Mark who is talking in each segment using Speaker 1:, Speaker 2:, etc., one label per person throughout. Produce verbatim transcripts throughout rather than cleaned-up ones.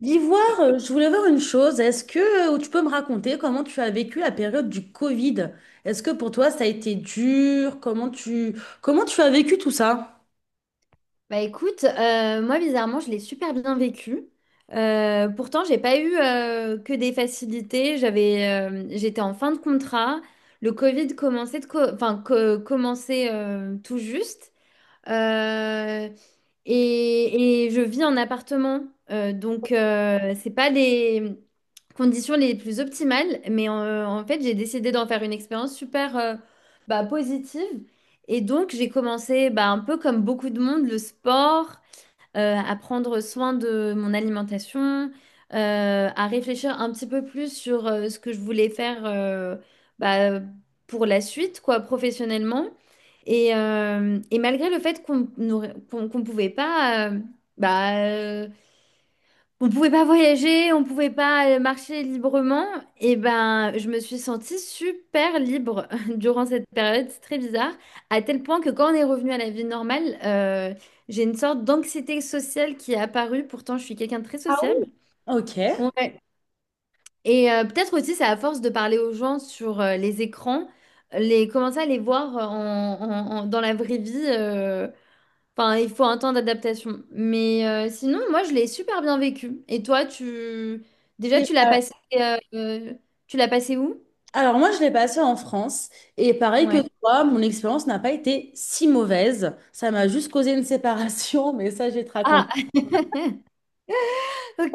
Speaker 1: L'Ivoire, euh, je voulais voir une chose. Est-ce que euh, tu peux me raconter comment tu as vécu la période du Covid? Est-ce que pour toi ça a été dur? Comment tu comment tu as vécu tout ça?
Speaker 2: Bah écoute, euh, moi bizarrement, je l'ai super bien vécu. Euh, pourtant, j'ai pas eu euh, que des facilités. J'avais, euh, j'étais en fin de contrat. Le Covid commençait de co- enfin, co- commençait euh, tout juste. Euh, et, et je vis en appartement. Euh, donc, euh, c'est pas les conditions les plus optimales, mais euh, en fait, j'ai décidé d'en faire une expérience super euh, bah, positive. Et donc, j'ai commencé bah, un peu comme beaucoup de monde, le sport euh, à prendre soin de mon alimentation, euh, à réfléchir un petit peu plus sur euh, ce que je voulais faire euh, bah, pour la suite, quoi, professionnellement. Et, euh, et malgré le fait qu'on ne qu'on, qu'on pouvait pas euh, bah, on pouvait pas voyager, on pouvait pas euh, marcher librement. Et ben, je me suis sentie super libre durant cette période, c'est très bizarre. À tel point que quand on est revenu à la vie normale, euh, j'ai une sorte d'anxiété sociale qui est apparue. Pourtant, je suis quelqu'un de très
Speaker 1: Ah oui,
Speaker 2: sociable.
Speaker 1: ok.
Speaker 2: Ouais. Et euh, peut-être aussi, c'est à force de parler aux gens sur euh, les écrans, les commencer à les voir euh, en- en- en- dans la vraie vie. euh, Enfin, il faut un temps d'adaptation. Mais euh, sinon, moi, je l'ai super bien vécu. Et toi, tu... Déjà,
Speaker 1: Et-
Speaker 2: tu l'as passé... euh, euh, tu l'as passé où?
Speaker 1: alors moi, je l'ai passé en France et pareil que
Speaker 2: Ouais.
Speaker 1: toi, mon expérience n'a pas été si mauvaise. Ça m'a juste causé une séparation, mais ça, je vais te
Speaker 2: Ah,
Speaker 1: raconter.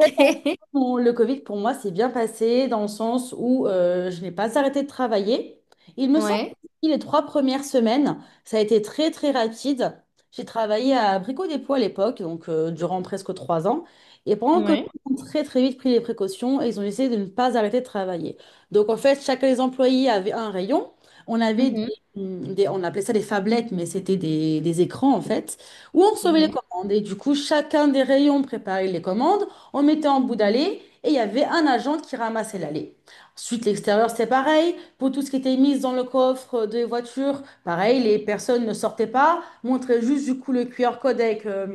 Speaker 1: fait, en- mon- le Covid, pour moi, s'est bien passé dans le sens où euh, je n'ai pas arrêté de travailler. Il me semble
Speaker 2: Ouais.
Speaker 1: que les trois premières semaines, ça a été très, très rapide. J'ai travaillé à Brico Dépôt à l'époque, donc euh, durant presque trois ans. Et pendant le Covid,
Speaker 2: Ouais.
Speaker 1: ils ont très, très vite pris les précautions et ils ont essayé de ne pas arrêter de travailler. Donc, en fait, chacun des employés avait un rayon. On avait des,
Speaker 2: Mhm.
Speaker 1: mm, des- on appelait ça des phablettes, mais c'était des, des écrans, en fait, où on recevait les
Speaker 2: Ouais.
Speaker 1: commandes. Et du coup, chacun des rayons préparait les commandes. On mettait en bout d'allée et il y avait un agent qui ramassait l'allée. Ensuite, l'extérieur, c'est pareil. Pour tout ce qui était mis dans le coffre des voitures, pareil, les personnes ne sortaient pas, montraient juste du coup le Q R code avec, euh,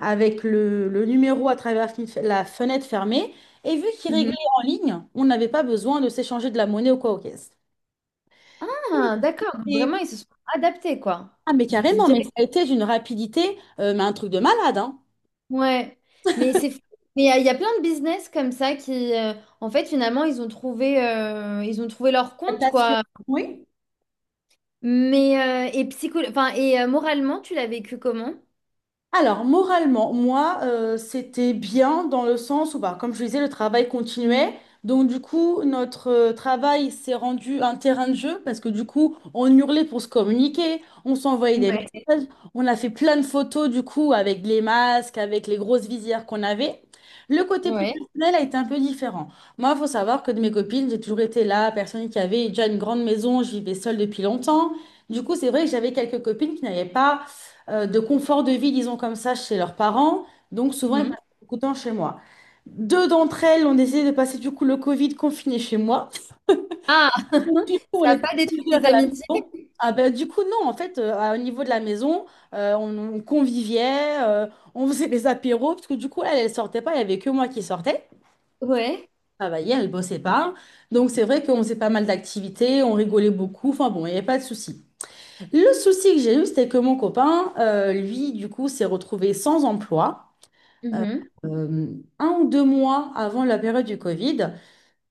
Speaker 1: avec le, le numéro à travers la fen- la fenêtre fermée. Et vu qu'ils réglaient
Speaker 2: Mhm.
Speaker 1: en ligne, on n'avait pas besoin de s'échanger de la monnaie ou quoi aux caisses.
Speaker 2: Ah, d'accord. Donc, vraiment,
Speaker 1: Et-
Speaker 2: ils se sont adaptés, quoi.
Speaker 1: ah, mais
Speaker 2: D-
Speaker 1: carrément, mais
Speaker 2: direct.
Speaker 1: ça a été d'une rapidité, euh, mais un truc de malade, hein.
Speaker 2: Ouais. Mais c'est... Mais il y, a il y a plein de business comme ça qui... euh, en fait, finalement, ils ont trouvé, euh, ils ont trouvé leur compte,
Speaker 1: Adaptation.
Speaker 2: quoi.
Speaker 1: Oui.
Speaker 2: Mais... euh, et psycho... enfin, et euh, moralement, tu l'as vécu comment?
Speaker 1: Alors, moralement, moi, euh, c'était bien dans le sens où, bah, comme je disais, le travail continuait. Donc, du coup, notre euh, travail s'est rendu un terrain de jeu parce que, du coup, on hurlait pour se communiquer, on s'envoyait des
Speaker 2: Ouais.
Speaker 1: messages, on a fait plein de photos, du coup, avec les masques, avec les grosses visières qu'on avait. Le côté plus
Speaker 2: Ouais.
Speaker 1: personnel a été un peu différent. Moi, il faut savoir que de mes copines, j'ai toujours été la personne qui avait déjà une grande maison, je vivais seule depuis longtemps. Du coup, c'est vrai que j'avais quelques copines qui n'avaient pas euh, de confort de vie, disons comme ça, chez leurs parents. Donc souvent, ils
Speaker 2: Mhm.
Speaker 1: passent beaucoup de temps chez moi. Deux d'entre elles ont décidé de passer du coup le Covid confiné chez moi.
Speaker 2: Ah,
Speaker 1: Du coup, on
Speaker 2: ça n'a
Speaker 1: était
Speaker 2: pas détruit
Speaker 1: plusieurs
Speaker 2: des
Speaker 1: à la
Speaker 2: amitiés?
Speaker 1: maison. Ah ben, du coup, non, en fait, euh, à- au niveau de la maison, euh, on, on conviviait, euh, on faisait des apéros, parce que du coup, elle, elle sortait pas, il n'y avait que moi qui sortais.
Speaker 2: Ouais.
Speaker 1: Travaillait, elle bossait pas. Donc, c'est vrai qu'on faisait pas mal d'activités, on rigolait beaucoup, enfin bon, il n'y avait pas de souci. Le souci que j'ai eu, c'était que mon copain, euh, lui, du coup, s'est retrouvé sans emploi euh,
Speaker 2: Mhm.
Speaker 1: euh, un ou deux mois avant la période du Covid.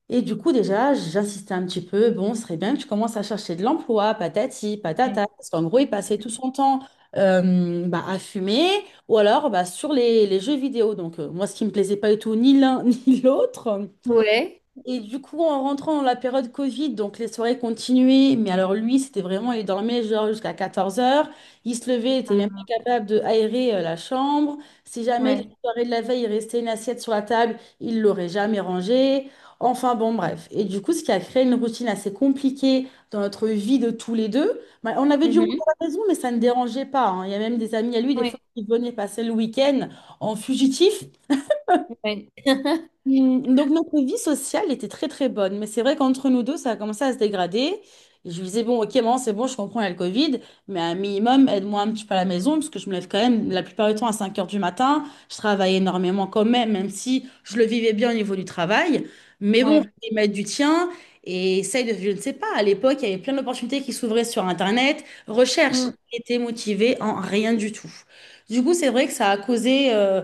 Speaker 1: Et du coup, déjà, j'insistais un petit peu, bon, ce serait bien que tu commences à chercher de l'emploi, patati, patata. Parce qu'en gros, il passait tout son temps euh, bah, à fumer ou alors bah, sur les, les jeux vidéo. Donc, euh, moi, ce qui me plaisait pas du tout, ni l'un ni l'autre.
Speaker 2: Ouais.
Speaker 1: Et du coup, en rentrant dans la période Covid, donc les soirées continuaient, mais alors lui, c'était vraiment, il dormait genre jusqu'à 14 heures. Il se levait, il était même pas
Speaker 2: Ah.
Speaker 1: capable de aérer euh, la chambre. Si jamais les
Speaker 2: Ouais.
Speaker 1: soirées de la veille, il restait une assiette sur la table, il l'aurait jamais rangée. Enfin bon, bref. Et du coup, ce qui a créé une routine assez compliquée dans notre vie de tous les deux. Bah, on avait du monde
Speaker 2: Mhm.
Speaker 1: à la maison, mais ça ne dérangeait pas, hein. Il y a même des amis à lui, des
Speaker 2: Ouais.
Speaker 1: fois, qui venaient passer le week-end en fugitif.
Speaker 2: Ouais.
Speaker 1: Mm, Donc notre vie sociale était très très bonne, mais c'est vrai qu'entre nous deux, ça a commencé à se dégrader. Et je lui disais, bon, ok, maman, c'est bon, je comprends, il y a le Covid, mais un minimum, aide-moi un petit peu à la maison, parce que je me lève quand même la plupart du temps à cinq heures du matin. Je travaille énormément quand même, même si je le vivais bien au niveau du travail. Mais bon,
Speaker 2: Ouais.
Speaker 1: il m'aide du tien et essaye de, je ne sais pas, à l'époque, il y avait plein d'opportunités qui s'ouvraient sur Internet. Recherche,
Speaker 2: Mm.
Speaker 1: était motivée en rien du tout. Du coup, c'est vrai que ça a causé, euh,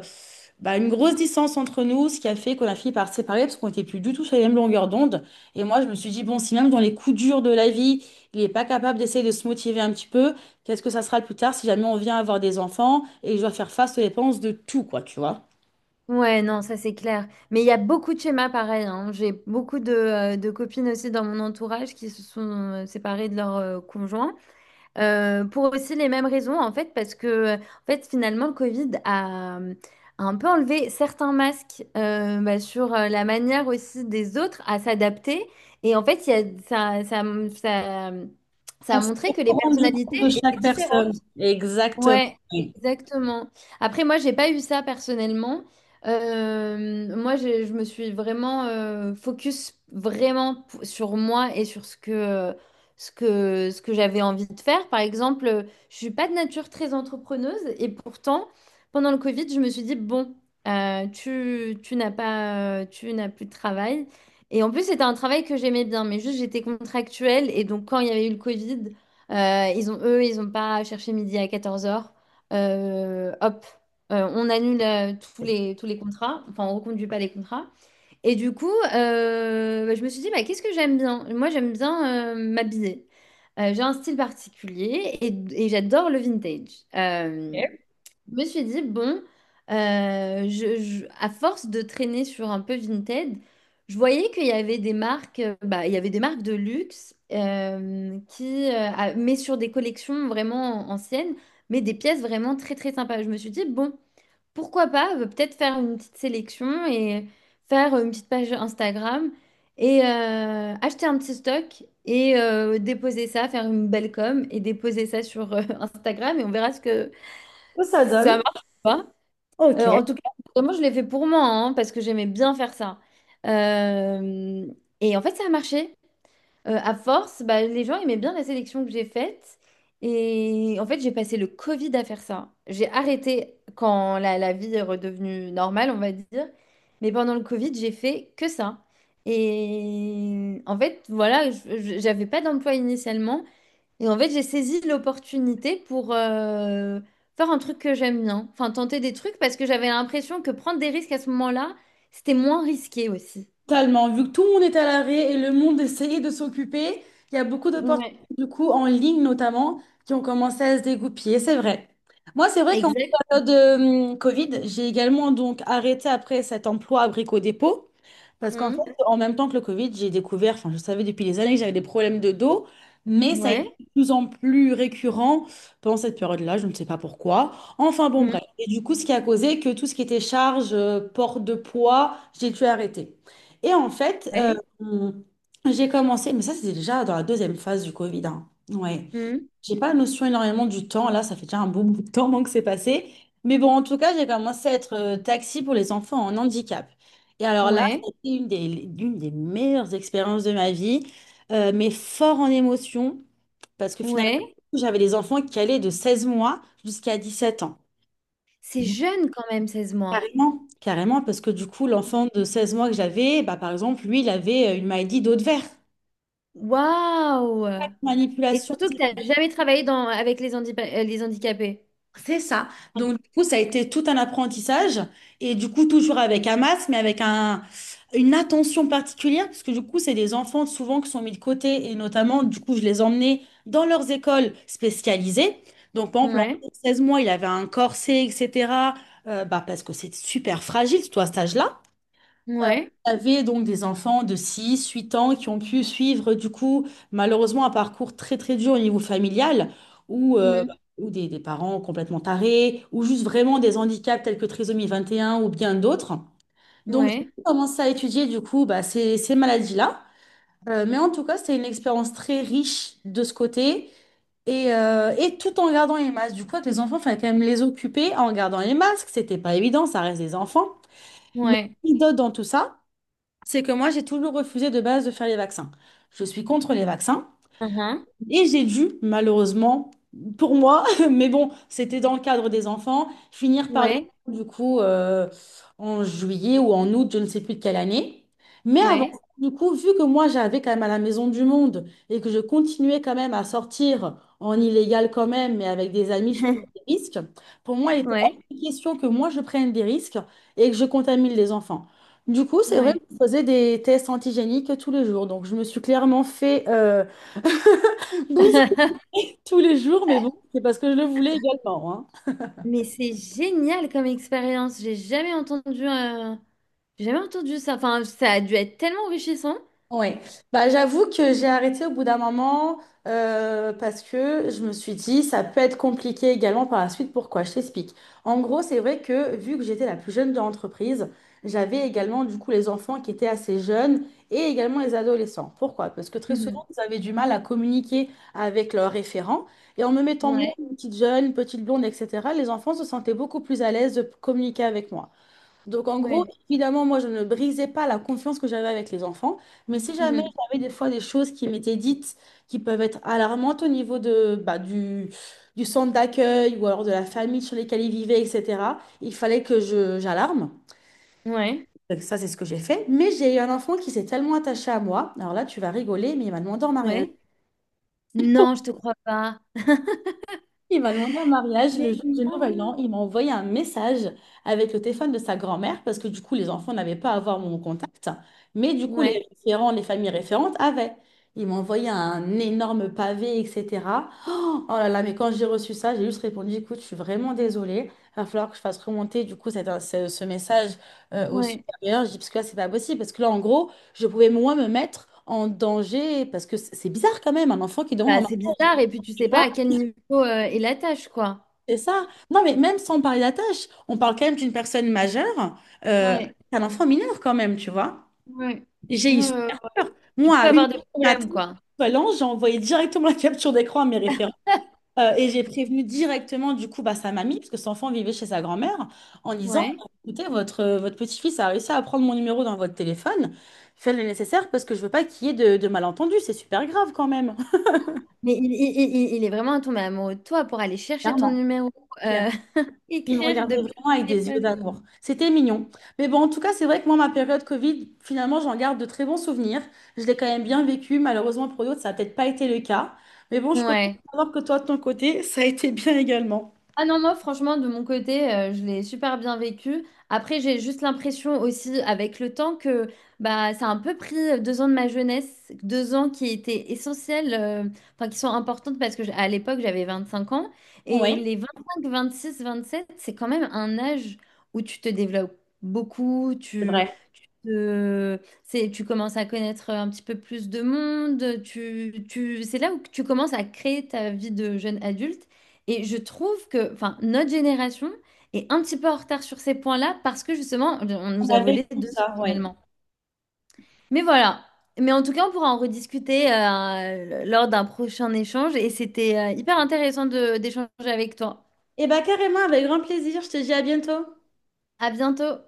Speaker 1: bah, une grosse distance entre nous, ce qui a fait qu'on a fini par se séparer parce qu'on n'était plus du tout sur les mêmes longueurs d'onde. Et moi, je me suis dit, bon, si même dans les coups durs de la vie, il n'est pas capable d'essayer de se motiver un petit peu, qu'est-ce que ça sera plus tard si jamais on vient avoir des enfants et je dois faire face aux dépenses de tout, quoi, tu vois?
Speaker 2: Ouais, non, ça c'est clair. Mais il y a beaucoup de schémas pareils. Hein. J'ai beaucoup de, euh, de copines aussi dans mon entourage qui se sont euh, séparées de leur euh, conjoint. Euh, pour aussi les mêmes raisons, en fait, parce que euh, en fait, finalement, le Covid a, hum, a un peu enlevé certains masques euh, bah, sur euh, la manière aussi des autres à s'adapter. Et en fait, il y a, ça, ça, ça, hum, ça
Speaker 1: On
Speaker 2: a
Speaker 1: s'est
Speaker 2: montré que les
Speaker 1: beaucoup rendu compte
Speaker 2: personnalités
Speaker 1: de
Speaker 2: étaient
Speaker 1: chaque personne.
Speaker 2: différentes.
Speaker 1: Exactement.
Speaker 2: Ouais,
Speaker 1: Oui.
Speaker 2: exactement. Après, moi, j'ai pas eu ça personnellement. Euh, moi, j'ai- je me suis vraiment euh, focus vraiment p- sur moi et sur ce que ce que ce que j'avais envie de faire. Par exemple, euh, je suis pas de nature très entrepreneuse et pourtant, pendant le Covid, je me suis dit bon, euh, tu tu n'as pas tu n'as plus de travail. Et en plus, c'était un travail que j'aimais bien, mais juste j'étais contractuelle et donc quand il y avait eu le Covid. Euh, ils ont, eux, ils n'ont pas cherché midi à quatorze heures. Hop, euh, on annule euh, tous les, tous les contrats. Enfin, on reconduit pas les contrats. Et du coup, euh, bah, je me suis dit, bah, qu'est-ce que j'aime bien? Moi, j'aime bien euh, m'habiller. Euh, j'ai un style particulier et, et j'adore le vintage. Euh, je me suis dit, bon, euh, je, je- à force de traîner sur un peu Vinted, je voyais qu'il y avait des marques, euh, bah, il y avait des marques de luxe, euh, qui, euh, ah, mais sur des collections vraiment anciennes, mais des pièces vraiment très très sympas. Je me suis dit, bon, pourquoi pas, euh, peut-être faire une petite sélection et faire euh, une petite page Instagram et euh, acheter un petit stock et euh, déposer ça, faire une belle com et déposer ça sur euh, Instagram et on verra ce que
Speaker 1: Que ça
Speaker 2: ça
Speaker 1: donne?
Speaker 2: marche pas.
Speaker 1: Ok.
Speaker 2: Euh, en tout cas, moi, je l'ai fait pour moi, hein, parce que j'aimais bien faire ça. Euh, et en fait, ça a marché. Euh, à force, bah, les gens aimaient bien la sélection que j'ai faite. Et en fait, j'ai passé le Covid à faire ça. J'ai arrêté quand la, la vie est redevenue normale, on va dire. Mais pendant le Covid, j'ai fait que ça. Et en fait, voilà, je- je- j'avais pas d'emploi initialement. Et en fait, j'ai saisi l'opportunité pour euh, faire un truc que j'aime bien. Enfin, tenter des trucs parce que j'avais l'impression que prendre des risques à ce moment-là, c'était moins risqué aussi.
Speaker 1: Totalement. Vu que tout le monde est à l'arrêt et le monde essayait de s'occuper, il y a beaucoup d'opportunités,
Speaker 2: Ouais.
Speaker 1: du coup, en ligne notamment, qui ont commencé à se dégoupiller. C'est vrai. Moi, c'est vrai qu'en
Speaker 2: Exact.
Speaker 1: période euh, Covid, j'ai également donc arrêté après cet emploi à Brico Dépôt. Parce qu'en
Speaker 2: Mhm.
Speaker 1: fait, en même temps que le Covid, j'ai découvert, enfin, je savais depuis des années que j'avais des problèmes de dos, mais ça a été
Speaker 2: Ouais.
Speaker 1: de plus en plus récurrent pendant cette période-là, je ne sais pas pourquoi. Enfin, bon,
Speaker 2: Mhm.
Speaker 1: bref. Et du coup, ce qui a causé que tout ce qui était charge, euh, port de poids, j'ai dû arrêter. Et en fait, euh,
Speaker 2: Ouais.
Speaker 1: j'ai commencé, mais ça c'était déjà dans la deuxième phase du Covid, hein. Ouais.
Speaker 2: Mhm.
Speaker 1: J'ai pas notion énormément du temps, là ça fait déjà un bon bout de temps moi, que c'est passé. Mais bon, en tout cas, j'ai commencé à être euh, taxi pour les enfants en handicap. Et alors là,
Speaker 2: Ouais.
Speaker 1: c'était une des, l'une des meilleures expériences de ma vie, euh, mais fort en émotion, parce que finalement,
Speaker 2: Ouais.
Speaker 1: j'avais des enfants qui allaient de seize mois jusqu'à dix-sept ans.
Speaker 2: C'est jeune quand même, seize mois.
Speaker 1: Carrément, carrément, parce que du coup, l'enfant de seize mois que j'avais, bah, par exemple, lui, il avait euh, une maladie d'eau de verre.
Speaker 2: Waouh! Et
Speaker 1: Manipulation,
Speaker 2: surtout que tu n'as jamais travaillé dans, avec les, handipa- euh, les handicapés.
Speaker 1: c'est ça. Donc, du coup, ça a été tout un apprentissage. Et du coup, toujours avec un masque, mais avec un, une attention particulière, parce que du coup, c'est des enfants souvent qui sont mis de côté. Et notamment, du coup, je les emmenais dans leurs écoles spécialisées. Donc, par exemple, l'enfant
Speaker 2: Ouais.
Speaker 1: de mois, il avait un corset, et cetera euh, bah, parce que c'est super fragile, toi, à cet âge-là. Euh,
Speaker 2: Ouais.
Speaker 1: Vous avez donc des enfants de six, huit ans qui ont pu suivre, du coup, malheureusement, un parcours très très dur au niveau familial, ou euh,
Speaker 2: Mhm.
Speaker 1: ou des, des parents complètement tarés, ou juste vraiment des handicaps tels que trisomie vingt et un ou bien d'autres. Donc, j'ai
Speaker 2: Ouais.
Speaker 1: commencé à étudier, du coup, bah, ces, ces maladies-là. Euh, mais en tout cas, c'était une expérience très riche de ce côté. Et, euh, et tout en gardant les masques. Du coup, avec les enfants, il fallait quand même les occuper en gardant les masques. C'était pas évident, ça reste des enfants. Mais
Speaker 2: Ouais.
Speaker 1: anecdote dans tout ça, c'est que moi, j'ai toujours refusé de base de faire les vaccins. Je suis contre les vaccins.
Speaker 2: Uhum.
Speaker 1: Et j'ai dû, malheureusement, pour moi, mais bon, c'était dans le cadre des enfants, finir par les
Speaker 2: Ouais.
Speaker 1: du coup euh, en juillet ou en août, je ne sais plus de quelle année. Mais avant,
Speaker 2: Ouais.
Speaker 1: ça, du coup, vu que moi j'avais quand même à la Maison du Monde et que je continuais quand même à sortir en illégal quand même, mais avec des amis, je prenais des risques. Pour moi, il était hors
Speaker 2: Ouais.
Speaker 1: de question que moi je prenne des risques et que je contamine les enfants. Du coup, c'est vrai que
Speaker 2: Ouais.
Speaker 1: je faisais des tests antigéniques tous les jours. Donc, je me suis clairement fait euh, tous les jours, mais bon, c'est parce que je le voulais également, hein.
Speaker 2: Mais c'est génial comme expérience. J'ai jamais entendu, euh, j'ai jamais entendu ça. Enfin, ça a dû être tellement enrichissant.
Speaker 1: Ouais, bah j'avoue que j'ai arrêté au bout d'un moment euh, parce que je me suis dit ça peut être compliqué également par la suite. Pourquoi? Je t'explique. En gros, c'est vrai que vu que j'étais la plus jeune de l'entreprise, j'avais également du coup les enfants qui étaient assez jeunes et également les adolescents. Pourquoi? Parce que très
Speaker 2: Mhm.
Speaker 1: souvent, ils avaient du mal à communiquer avec leurs référents et en me mettant moi,
Speaker 2: Ouais,
Speaker 1: une petite jeune, une petite blonde, et cetera, les enfants se sentaient beaucoup plus à l'aise de communiquer avec moi. Donc, en gros,
Speaker 2: ouais.
Speaker 1: évidemment, moi, je ne brisais pas la confiance que j'avais avec les enfants, mais si jamais
Speaker 2: Mhm.
Speaker 1: j'avais des fois des choses qui m'étaient dites qui peuvent être alarmantes au niveau de, bah, du, du centre d'accueil ou alors de la famille sur lesquelles ils vivaient, et cetera, il fallait que je, j'alarme.
Speaker 2: Ouais,
Speaker 1: Donc, ça, c'est ce que j'ai fait. Mais j'ai eu un enfant qui s'est tellement attaché à moi. Alors là, tu vas rigoler, mais il m'a demandé en mariage.
Speaker 2: ouais. Non, je te crois pas.
Speaker 1: Il m'a demandé un mariage
Speaker 2: Mais
Speaker 1: le jour du Nouvel An.
Speaker 2: non.
Speaker 1: Il m'a envoyé un message avec le téléphone de sa grand-mère parce que du coup, les enfants n'avaient pas à avoir mon contact. Mais du coup, les
Speaker 2: Ouais,
Speaker 1: référents, les familles référentes avaient. Il m'a envoyé un énorme pavé, et cetera. Oh, oh là là, mais quand j'ai reçu ça, j'ai juste répondu, écoute, je suis vraiment désolée. Il va falloir que je fasse remonter du coup cette- ce, ce message euh, au
Speaker 2: ouais.
Speaker 1: supérieur. Je dis, parce que là, c'est pas possible. Parce que là, en gros, je pouvais moi me mettre en danger parce que c'est c'est bizarre quand même, un enfant qui demande en
Speaker 2: Bah, c'est bizarre. Et puis, tu sais pas à
Speaker 1: mariage.
Speaker 2: quel niveau euh, est la tâche, quoi.
Speaker 1: C'est ça. Non, mais même sans parler d'attache, on parle quand même d'une personne majeure, euh,
Speaker 2: Ouais,
Speaker 1: un enfant mineur quand même, tu vois.
Speaker 2: ouais.
Speaker 1: J'ai eu
Speaker 2: Euh,
Speaker 1: super peur.
Speaker 2: Tu
Speaker 1: Moi,
Speaker 2: peux
Speaker 1: à une
Speaker 2: avoir des
Speaker 1: heure du
Speaker 2: problèmes,
Speaker 1: matin,
Speaker 2: quoi.
Speaker 1: l'ange, j'ai envoyé directement la capture d'écran à mes référents. euh, et j'ai prévenu directement, du coup, bah, sa mamie, parce que son enfant vivait chez sa grand-mère, en disant,
Speaker 2: Ouais.
Speaker 1: écoutez, votre, euh, votre petit-fils a réussi à prendre mon numéro dans votre téléphone. Faites le nécessaire parce que je veux pas qu'il y ait de, de malentendus. C'est super grave quand même.
Speaker 2: Mais il, il- il- il- il est vraiment tombé amoureux de toi pour aller chercher ton
Speaker 1: Clairement.
Speaker 2: numéro, euh,
Speaker 1: Il me
Speaker 2: écrire
Speaker 1: regardait
Speaker 2: depuis
Speaker 1: vraiment
Speaker 2: le
Speaker 1: avec des yeux
Speaker 2: téléphone.
Speaker 1: d'amour. C'était mignon. Mais bon, en tout cas, c'est vrai que moi, ma période Covid, finalement, j'en garde de très bons souvenirs. Je l'ai quand même bien vécu. Malheureusement, pour d'autres, ça n'a peut-être pas été le cas. Mais bon, je suis contente
Speaker 2: Ouais.
Speaker 1: de savoir que toi, de ton côté, ça a été bien également.
Speaker 2: Ah non, moi, franchement, de mon côté, euh, je l'ai super bien vécu. Après, j'ai juste l'impression aussi, avec le temps, que bah, ça a un peu pris euh, deux ans de ma jeunesse, deux ans qui étaient essentiels, euh, enfin, qui sont importantes parce que j'- à l'époque, j'avais vingt-cinq ans. Et
Speaker 1: Oui,
Speaker 2: les vingt-cinq, vingt-six, vingt-sept, c'est quand même un âge où tu te développes beaucoup,
Speaker 1: c'est
Speaker 2: tu,
Speaker 1: vrai.
Speaker 2: tu te- c'est, tu commences à connaître un petit peu plus de monde, tu, tu, c'est là où tu commences à créer ta vie de jeune adulte. Et je trouve que, enfin, notre génération est un petit peu en retard sur ces points-là parce que justement, on
Speaker 1: On
Speaker 2: nous a
Speaker 1: a vécu
Speaker 2: volé deux ans
Speaker 1: ça, oui.
Speaker 2: finalement. Mais voilà. Mais en tout cas, on pourra en rediscuter euh, lors d'un prochain échange et c'était euh, hyper intéressant de d'échanger avec toi.
Speaker 1: Eh bien, carrément, avec grand plaisir. Je te dis à bientôt.
Speaker 2: À bientôt.